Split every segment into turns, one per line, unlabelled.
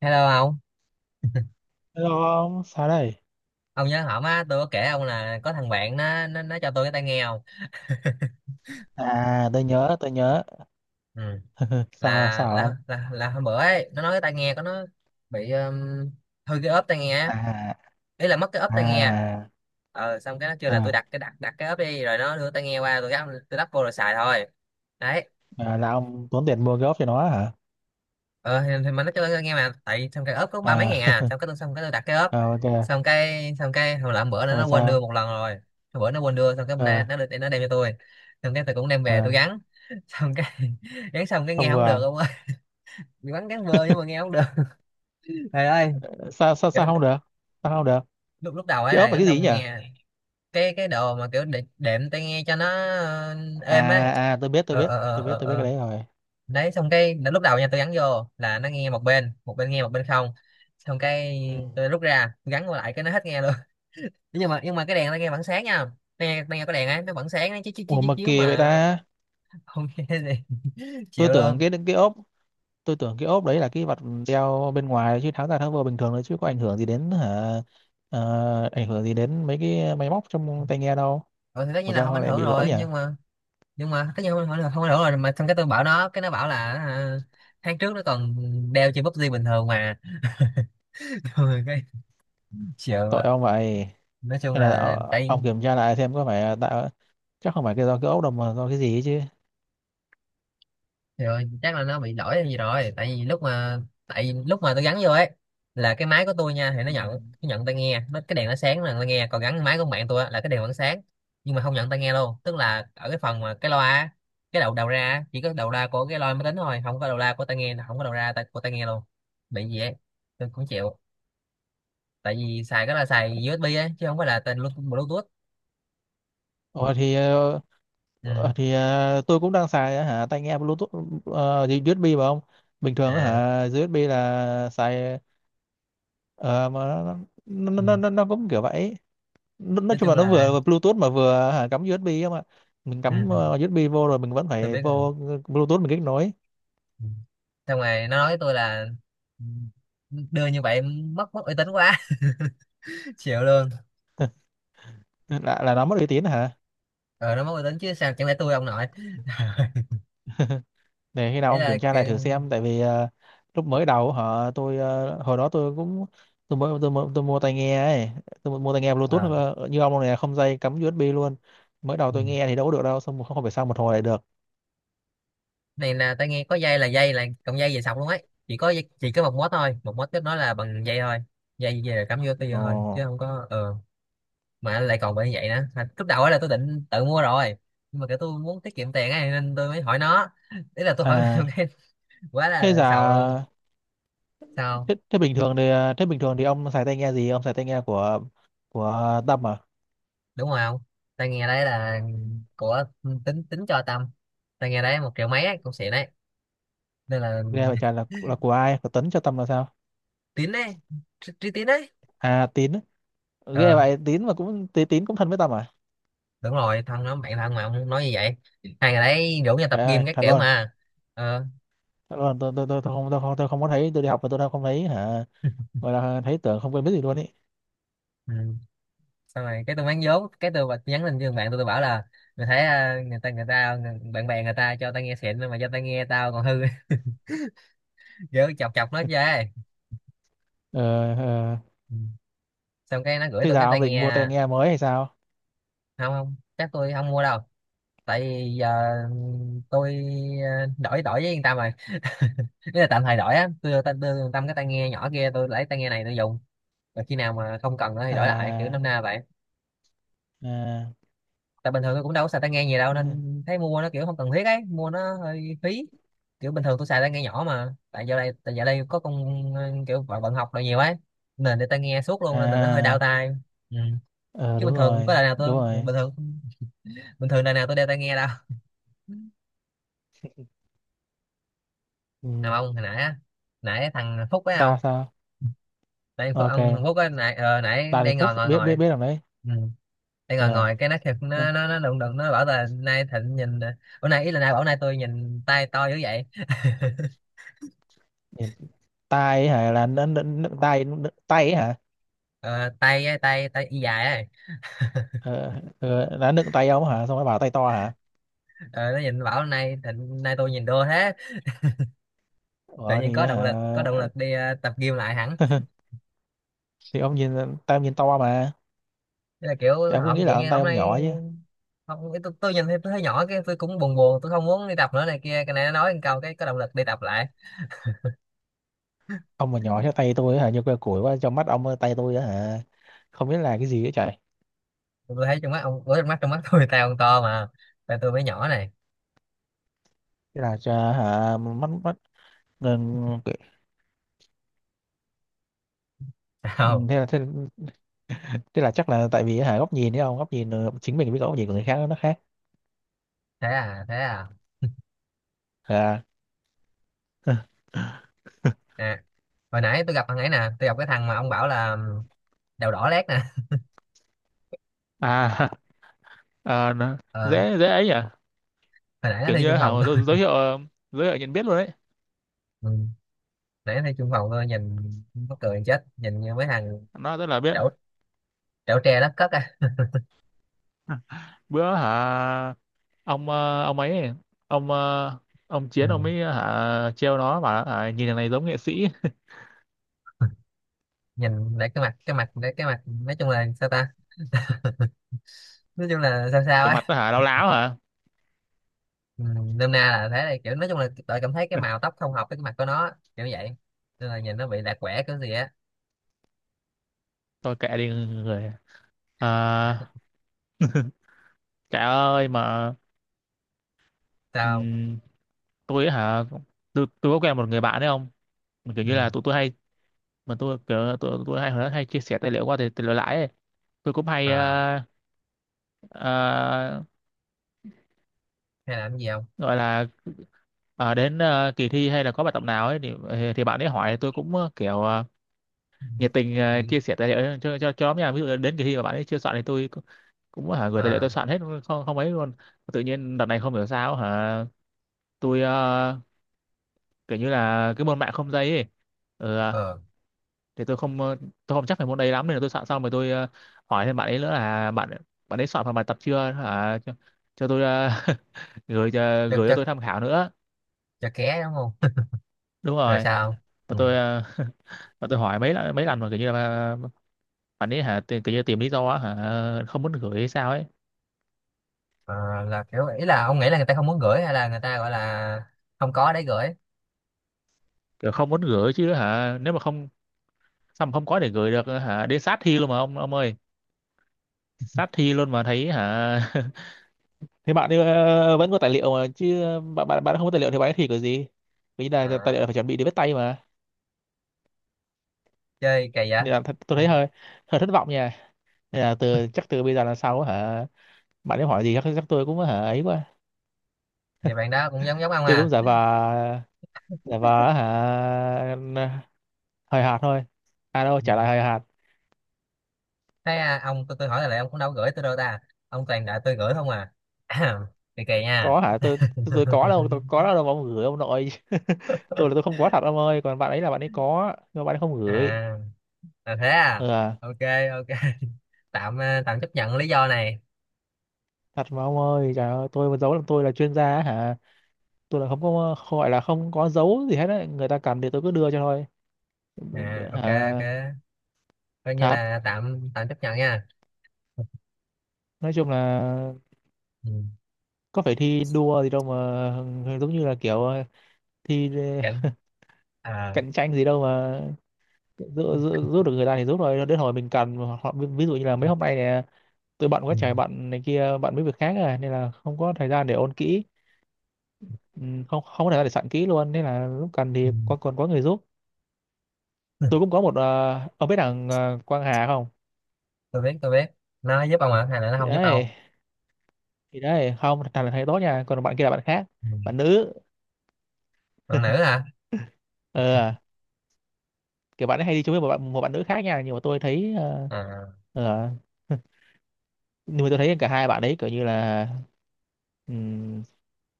Hello
Hello ông, sao đây?
ông nhớ hổm á, tôi có kể ông là có thằng bạn nó cho tôi cái tai nghe không?
À, tôi nhớ, tôi nhớ.
Ừ.
Ừ, sao
Là,
sao
là
ông?
là là hôm bữa ấy, nó nói cái tai nghe của nó bị hư cái ốp tai nghe á.
À,
Ý là mất cái ốp tai nghe.
à,
Ờ xong cái nó kêu là tôi
à,
đặt cái đặt đặt cái ốp đi rồi nó đưa tai nghe qua tôi gắp tôi đắp vô rồi xài thôi. Đấy,
à, là ông tốn tiền mua gốc cho nó hả?
ờ thì mình nói cho tôi nghe mà tại xong cái ốp có ba mấy
À,
ngàn à, xong cái tôi đặt cái ốp,
à ok,
xong cái hồi làm bữa nữa
xong rồi
nó quên đưa
sao?
một lần rồi. Hồi bữa nó quên đưa, xong cái bữa nay
À,
nó được nó đem cho tôi, xong cái tôi cũng đem về tôi
à,
gắn, xong cái gắn xong cái nghe
không
không được
vừa.
ông ơi. Gắn gắn vơ nhưng mà nghe không được. Trời ơi,
Sao sao
kiểu,
sao không
lúc
được? Sao không được?
lúc lúc đầu ấy
Cái
là
ốp là
gắn
cái gì
xong
nhỉ?
nghe. Cái đồ mà kiểu để, đệm tai nghe cho nó ờ, êm ấy.
À à, tôi biết tôi
ờ
biết,
ờ ờ
tôi biết
ờ
tôi biết cái
ờ.
đấy rồi.
Đấy, xong cái lúc đầu nha tôi gắn vô là nó nghe một bên, một bên nghe một bên không, xong cái
Ừ.
tôi rút ra gắn vô lại cái nó hết nghe luôn. Nhưng mà cái đèn nó nghe vẫn sáng nha, nghe nghe có đèn ấy nó vẫn sáng, nó chiếu chiếu chiếu
Ủa
chiếu
mà
chiếu
kỳ vậy
mà.
ta?
Không nghe gì.
Tôi
Chịu
tưởng
luôn.
cái ốp, tôi tưởng cái ốp đấy là cái vật đeo bên ngoài, chứ tháo ra tháo vô bình thường thôi, chứ có ảnh hưởng gì đến hả, ảnh hưởng gì đến mấy cái máy móc trong tai nghe đâu,
Rồi thì tất
mà
nhiên là
sao
không
họ
ảnh
lại
hưởng
bị lỗi
rồi,
nhỉ.
nhưng mà tất nhiên không ảnh hưởng, không ảnh hưởng rồi mà xong cái tôi bảo nó cái nó bảo là à, tháng trước nó còn đeo trên PUBG bình thường mà. Rồi cái chịu
Tội
ạ.
ông vậy.
Nói chung
Hay là
là tại,
ông kiểm tra lại xem có phải, ờ, tạo chắc không phải cái do cái ốp đâu mà do cái gì ấy chứ.
rồi chắc là nó bị lỗi hay gì rồi, tại vì lúc mà, tại vì lúc mà tôi gắn vô ấy là cái máy của tôi nha thì nó
Ừ.
nhận, nó nhận tai nghe nó cái đèn nó sáng là tai nghe, còn gắn máy của bạn tôi á, là cái đèn vẫn sáng nhưng mà không nhận tai nghe luôn, tức là ở cái phần mà cái loa á, cái đầu đầu ra á, chỉ có đầu ra của cái loa máy tính thôi, không có đầu ra của tai nghe, không có đầu ra tai- của tai nghe luôn. Bị gì ấy, tôi cũng chịu. Tại vì xài cái là xài USB ấy chứ không phải là tên Bluetooth.
Ồ, thì ờ,
Ừ.
ờ, thì ờ, tôi cũng đang xài hả tai nghe Bluetooth, gì, USB mà ông, bình thường
À.
hả USB là xài, ờ, mà nó, nó,
Ừ.
nó, nó, nó cũng kiểu vậy. Nói
Nói
chung là
chung
nó
là.
vừa Bluetooth mà vừa hả, cắm USB không mà, mình
Ừ.
cắm
Ừ.
USB vô rồi mình vẫn
Tôi
phải
biết rồi.
vô Bluetooth mình kết nối.
Ừ. Xong rồi nó nói với tôi là "Ừ, đưa như vậy mất mất uy tín quá." Chịu luôn.
Là nó mất uy tín hả?
Ờ nó mất uy tín chứ sao, chẳng lẽ tôi ông nội.
Để khi nào
Ý
ông
là
kiểm tra lại thử
kiểu-.
xem, tại vì lúc mới đầu họ tôi hồi đó tôi cũng, tôi mới tôi mua tai nghe ấy, tôi mua tai nghe Bluetooth,
Ờ.
như ông này không dây cắm USB luôn. Mới đầu
Ừ.
tôi nghe thì đâu có được đâu, xong một không phải sao một hồi lại được.
Này là tao nghe có dây là dây, là cọng dây về sọc luôn ấy, chỉ có dây- chỉ có một mốt thôi, một mốt kết nó là bằng dây thôi, dây về cắm vô tôi vô
Ồ.
thôi chứ không có ờ. Mà lại còn bị như vậy nữa. Mà lúc đầu ấy là tôi định tự mua rồi, nhưng mà kiểu tôi muốn tiết kiệm tiền ấy nên tôi mới hỏi nó. Ý là tôi hỏi.
À
Cái quá
thế
là
giờ,
sầu luôn. Sao
thế bình thường thì ông xài tai nghe gì, ông xài tai nghe của Tâm à?
đúng rồi không. Tai nghe đấy là của tính tính cho tâm. Tai nghe đấy một triệu mấy ấy, cũng xịn đấy nên là.
Ghê vậy trời, là của ai, của Tuấn cho Tâm là sao?
Tín đấy, trí Trí tín đấy.
À Tín á. Ghê
Ờ
vậy, Tín mà cũng Tín cũng thân với Tâm à?
đúng rồi, thân nó bạn thân mà ông nói như vậy, hai ngày đấy rủ nhau tập
Trời ơi
gym các
thật
kiểu
luôn.
mà. Ờ.
Thật luôn, tôi không có thấy, tôi đi học mà tôi đâu không thấy hả, gọi là thấy tưởng không quen biết gì luôn ý.
Ừ. Sau này cái tôi bán vốn cái tôi bật nhắn tin cho thằng bạn tôi bảo là mày thấy à, người ta bạn bè người ta cho tao nghe xịn mà cho tao nghe tao còn hư. Kiểu chọc chọc nó chơi.
Ờ, ờ.
Ừ. Xong cái nó gửi
Thế
tôi
giờ
cái
ông
tai
định
nghe.
mua tai nghe mới hay sao?
Không không, chắc tôi không mua đâu, tại vì giờ tôi ờ, đổi đổi với yên tâm rồi. Ý là tạm thời đổi á, tôi đưa yên tâm cái tai nghe nhỏ kia, tôi lấy tai nghe này tôi dùng, rồi khi nào mà không cần nữa thì đổi lại kiểu
À.
năm na vậy.
À.
Tại bình thường tôi cũng đâu có xài tai nghe gì đâu,
n-
nên thấy mua nó kiểu không cần thiết ấy, mua nó hơi phí. Kiểu bình thường tôi xài tai nghe nhỏ, mà tại giờ đây có con ờ, kiểu bận, bận học rồi nhiều ấy, nên để tai nghe suốt luôn nên là nó hơi đau
À.
tai. Ừ.
Ờ
Chứ
đúng
bình thường
rồi.
có đời nào
Đúng
tôi,
rồi.
bình thường đời nào tôi đeo tai nghe đâu.
Ừ.
Nào ông hồi nãy á, nãy thằng Phúc phải không?
sao sao?
Tại Phú- ông Hồng
Ok.
Phúc á nãy ờ, nãy
Đào Đình
đang
Phúc
ngồi ngồi
biết biết
ngồi
biết làm đấy.
Ừ. Đang ngồi
Ờ
ngồi cái nó thiệt
nó-
nó đụng đụng nó bảo là nay Thịnh nhìn ờ, bữa nay ý là nay bảo nay tôi nhìn tay to dữ vậy.
tai ấy hả, là tai, tai ấy hả?
Ờ, tay á, tay tay y dài ấy.
ờ, đã nựng tay ông hả, xong rồi bảo tay to hả?
Ờ, nó nhìn bảo nay Thịnh nay tôi nhìn đô thế, tự nhiên có động lực, có động
Hả,
lực đi ờ, tập gym lại hẳn.
thì ông nhìn, tay ông nhìn to mà,
Thế là kiểu,
thì ông cứ
hổng
nghĩ
kiểu
là
như
tay
hôm
ông nhỏ
nay.
chứ.
Không tôi nhìn thấy tôi thấy nhỏ cái tôi cũng buồn buồn, tôi không muốn đi tập nữa này kia, cái này nó nói một câu cái có động lực đi tập lại.
Ông mà nhỏ thế tay tôi hả, như que củi quá, trong mắt ông tay tôi hả, không biết là cái gì ấy trời.
Tôi thấy trong mắt ông, ủa, trong mắt tôi tay ông to mà, tay tôi mới nhỏ này.
Thế là hả mắt mắt, ừ,
Không,
thế là thế, thế là chắc là tại vì hả góc nhìn đấy, ông góc nhìn chính mình với góc nhìn của người khác nó khác.
thế à, thế à.
À.
À, hồi nãy tôi gặp thằng ấy nè, tôi gặp cái thằng mà ông bảo là đầu đỏ lét nè.
À, à nó
Ờ,
dễ dễ ấy à?
hồi nãy nó
Kiểu
thi
như
chung
hả
phòng tôi.
giới thiệu, giới thiệu nhận biết luôn đấy.
Ừ. Nãy nó thi chung phòng tôi nhìn mắc cười chết, nhìn như mấy thằng
Nó rất là biết.
trẩu, trẩu tre đất cất à.
Bữa hả, ông ông ấy, ông ờ, ông Chiến
Ừ.
ông ấy hả trêu nó bảo hả, nhìn thằng này giống nghệ sĩ.
Nhìn lại cái mặt lại cái mặt nói chung là sao ta? Nói chung là sao sao
Cái mặt
á.
nó hả láo láo hả.
Ừ. Nôm na là thế này, kiểu nói chung là tôi cảm thấy cái màu tóc không hợp với cái mặt của nó, kiểu vậy. Nên là nhìn nó bị lạc quẻ cái gì á.
Tôi kệ đi người. À, trời ơi mà,
Sao?
ừm, tôi ấy hả, tôi có quen một người bạn đấy không. Mà kiểu như
Ừ.
là tụi tôi hay, mà tôi kiểu tụi tôi hay hồi đó hay chia sẻ tài liệu qua tài liệu lãi ấy. Tôi cũng hay
Ờ,
ờ,
hay làm gì không?
gọi là đến kỳ thi hay là có bài tập nào ấy thì bạn ấy hỏi tôi cũng kiểu
Ừ.
nhiệt tình chia sẻ tài liệu cho nhóm nha, ví dụ đến kỳ thi mà bạn ấy chưa soạn thì tôi cũng cũng hả gửi tài liệu
Ờ,
tôi soạn hết, không không ấy luôn. Tự nhiên đợt này không hiểu sao hả, tôi kiểu như là cái môn mạng không dây ấy, ừ, à,
ờ.
thì tôi không tôi không chắc về môn đấy lắm, nên là tôi soạn xong rồi tôi hỏi thêm bạn ấy nữa, là bạn bạn ấy soạn phần bài tập chưa hả, cho tôi
Cho,
gửi cho
cho
tôi tham khảo nữa.
cho ké đúng không?
Đúng
Rồi
rồi.
sao?
Và
Ừ.
tôi và tôi hỏi mấy lần mà kiểu như là, bạn ấy hả tìm- kiểu như tìm lý do á, hả không muốn gửi hay sao ấy.
Ờ, là kiểu ý là ông nghĩ là người ta không muốn gửi, hay là người ta gọi là không có để gửi?
Kiểu không muốn gửi chứ hả, nếu mà không sao mà không có để gửi được hả, đến sát thi luôn mà ông ơi, sát thi luôn mà thấy hả. Thế bạn ấy, vẫn có tài liệu mà chứ, bạn bạn bạn không có tài liệu thì bạn ấy thi kiểu gì, vì là tài liệu
À.
là phải chuẩn bị để viết tay mà,
Chơi kỳ vậy.
nên là th tôi
Ừ.
thấy hơi, hơi thất vọng nha. Nên là từ chắc từ bây giờ là sau hả, bạn ấy hỏi gì chắc chắc tôi cũng hả ấy quá,
Vậy bạn đó cũng giống giống ông
tôi cũng
à?
giả vờ, giả vờ hả hời hợt thôi, à đâu
Ừ.
trả lời hời hợt.
Thế à, ông, tôi hỏi là lại ông cũng đâu có gửi tôi đâu ta, ông toàn đợi tôi gửi không à. Kỳ kỳ nha.
Có hả tôi, tôi có đâu mà ông gửi ông nội. Tôi là tôi không có thật ông ơi, còn bạn ấy là bạn ấy có nhưng mà bạn ấy không gửi.
À, là thế
Ừ,
à.
à.
Ok, ok, tạm ờ, tạm chấp nhận lý do này.
Thật mà ông ơi, trời ơi, tôi mà giấu làm tôi là chuyên gia á hả, tôi là không có, gọi là không có giấu gì hết đấy, người ta cần thì tôi cứ đưa cho thôi
À ok, ok,
hả.
coi như
Thật.
là tạm tạm chấp nhận nha.
Nói chung là
Ừ.
có phải thi đua gì đâu mà, giống như là kiểu thi
Cảm-. À.
cạnh tranh gì đâu mà, giữ, giữ được người ta thì giúp, rồi đến hồi mình cần họ, ví dụ như là mấy hôm nay này, tôi bận quá
Ừ.
trời bận này kia, bận mấy việc khác rồi nên là không có thời gian để ôn kỹ. Ừ, không không có thể để sẵn kỹ luôn, nên là lúc cần
Ừ.
thì có, còn có người giúp. Tôi cũng có một ông biết thằng Quang Hà không.
Tôi biết tôi biết, nó giúp ông hả, hay là nó
Thì
không giúp ông?
đấy, thì đấy không, thằng này thầy tốt nha, còn bạn kia là bạn khác,
Ừ.
bạn nữ.
Còn nữ hả?
Ờ, kiểu bạn ấy hay đi chung với một bạn nữ khác nha, nhưng mà tôi thấy
À
ờ, nhưng mà tôi thấy cả hai bạn ấy kiểu như là um,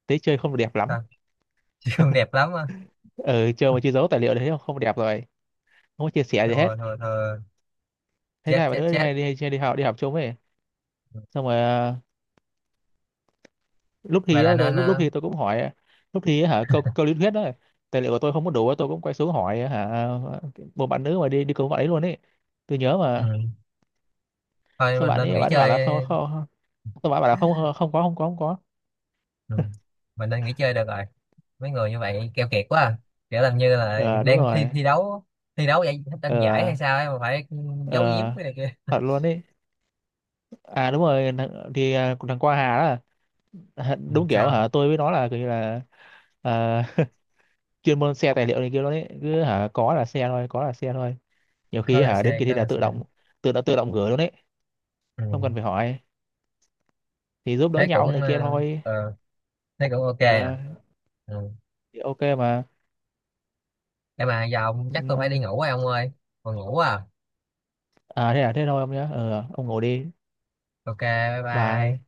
tế chơi không được đẹp lắm.
sao? Chị không đẹp lắm á?
Ờ chơi mà chưa giấu tài liệu đấy không không đẹp rồi, không có chia sẻ gì hết.
Thua thua thua.
Thế
Chết
này bạn
chết
nữ hay
chết.
đi, hay đi học, đi học chung ấy,
Ừ.
xong rồi lúc thi
Vậy là
á, tôi
nên
lúc
ờ,.
thi tôi cũng hỏi, lúc thi á, hả câu câu lý thuyết đó, tài liệu của tôi không có đủ á, tôi cũng quay xuống hỏi hả một bạn nữ mà đi đi cùng bạn ấy luôn ấy, tôi nhớ
Ừ.
mà.
Thôi
Sao
mình nên nghỉ
bạn ấy bảo là không
chơi.
không, tôi bảo bạn là không không có, không có, không có.
Ừ. Mình nên nghỉ chơi được rồi, mấy người như vậy keo kiệt quá à. Kiểu làm như là
Ờ đúng
đang thi,
rồi.
thi đấu, thi đấu giải, tranh giải
Ờ.
hay sao ấy mà phải giấu
Ờ.
giếm cái này kia.
Thật luôn ấy, à đúng rồi thằng- thì à, thằng Qua Hà đó, à,
Ừ,
đúng kiểu
sao?
hả tôi với nó là kiểu như là, à, chuyên môn xe tài liệu này kia luôn ấy, cứ hả có là xe thôi, có là xe thôi, nhiều
Có
khi
là
hả đến
xe
kỳ thi
có
là
là
tự
xe.
động tự động gửi luôn ấy,
Ừ.
không cần phải hỏi, thì giúp đỡ
Thế
nhau
cũng
này kia
ờ,
thôi.
ờ, thế cũng ok à?
Ờ
Ừ.
thì OK mà.
Để mà giờ ông chắc tôi phải đi
Ừ,
ngủ rồi ông ơi. Còn ngủ à?
à thế thôi ông nhé, ờ ông ngủ đi.
Ok bye bye.
Bye.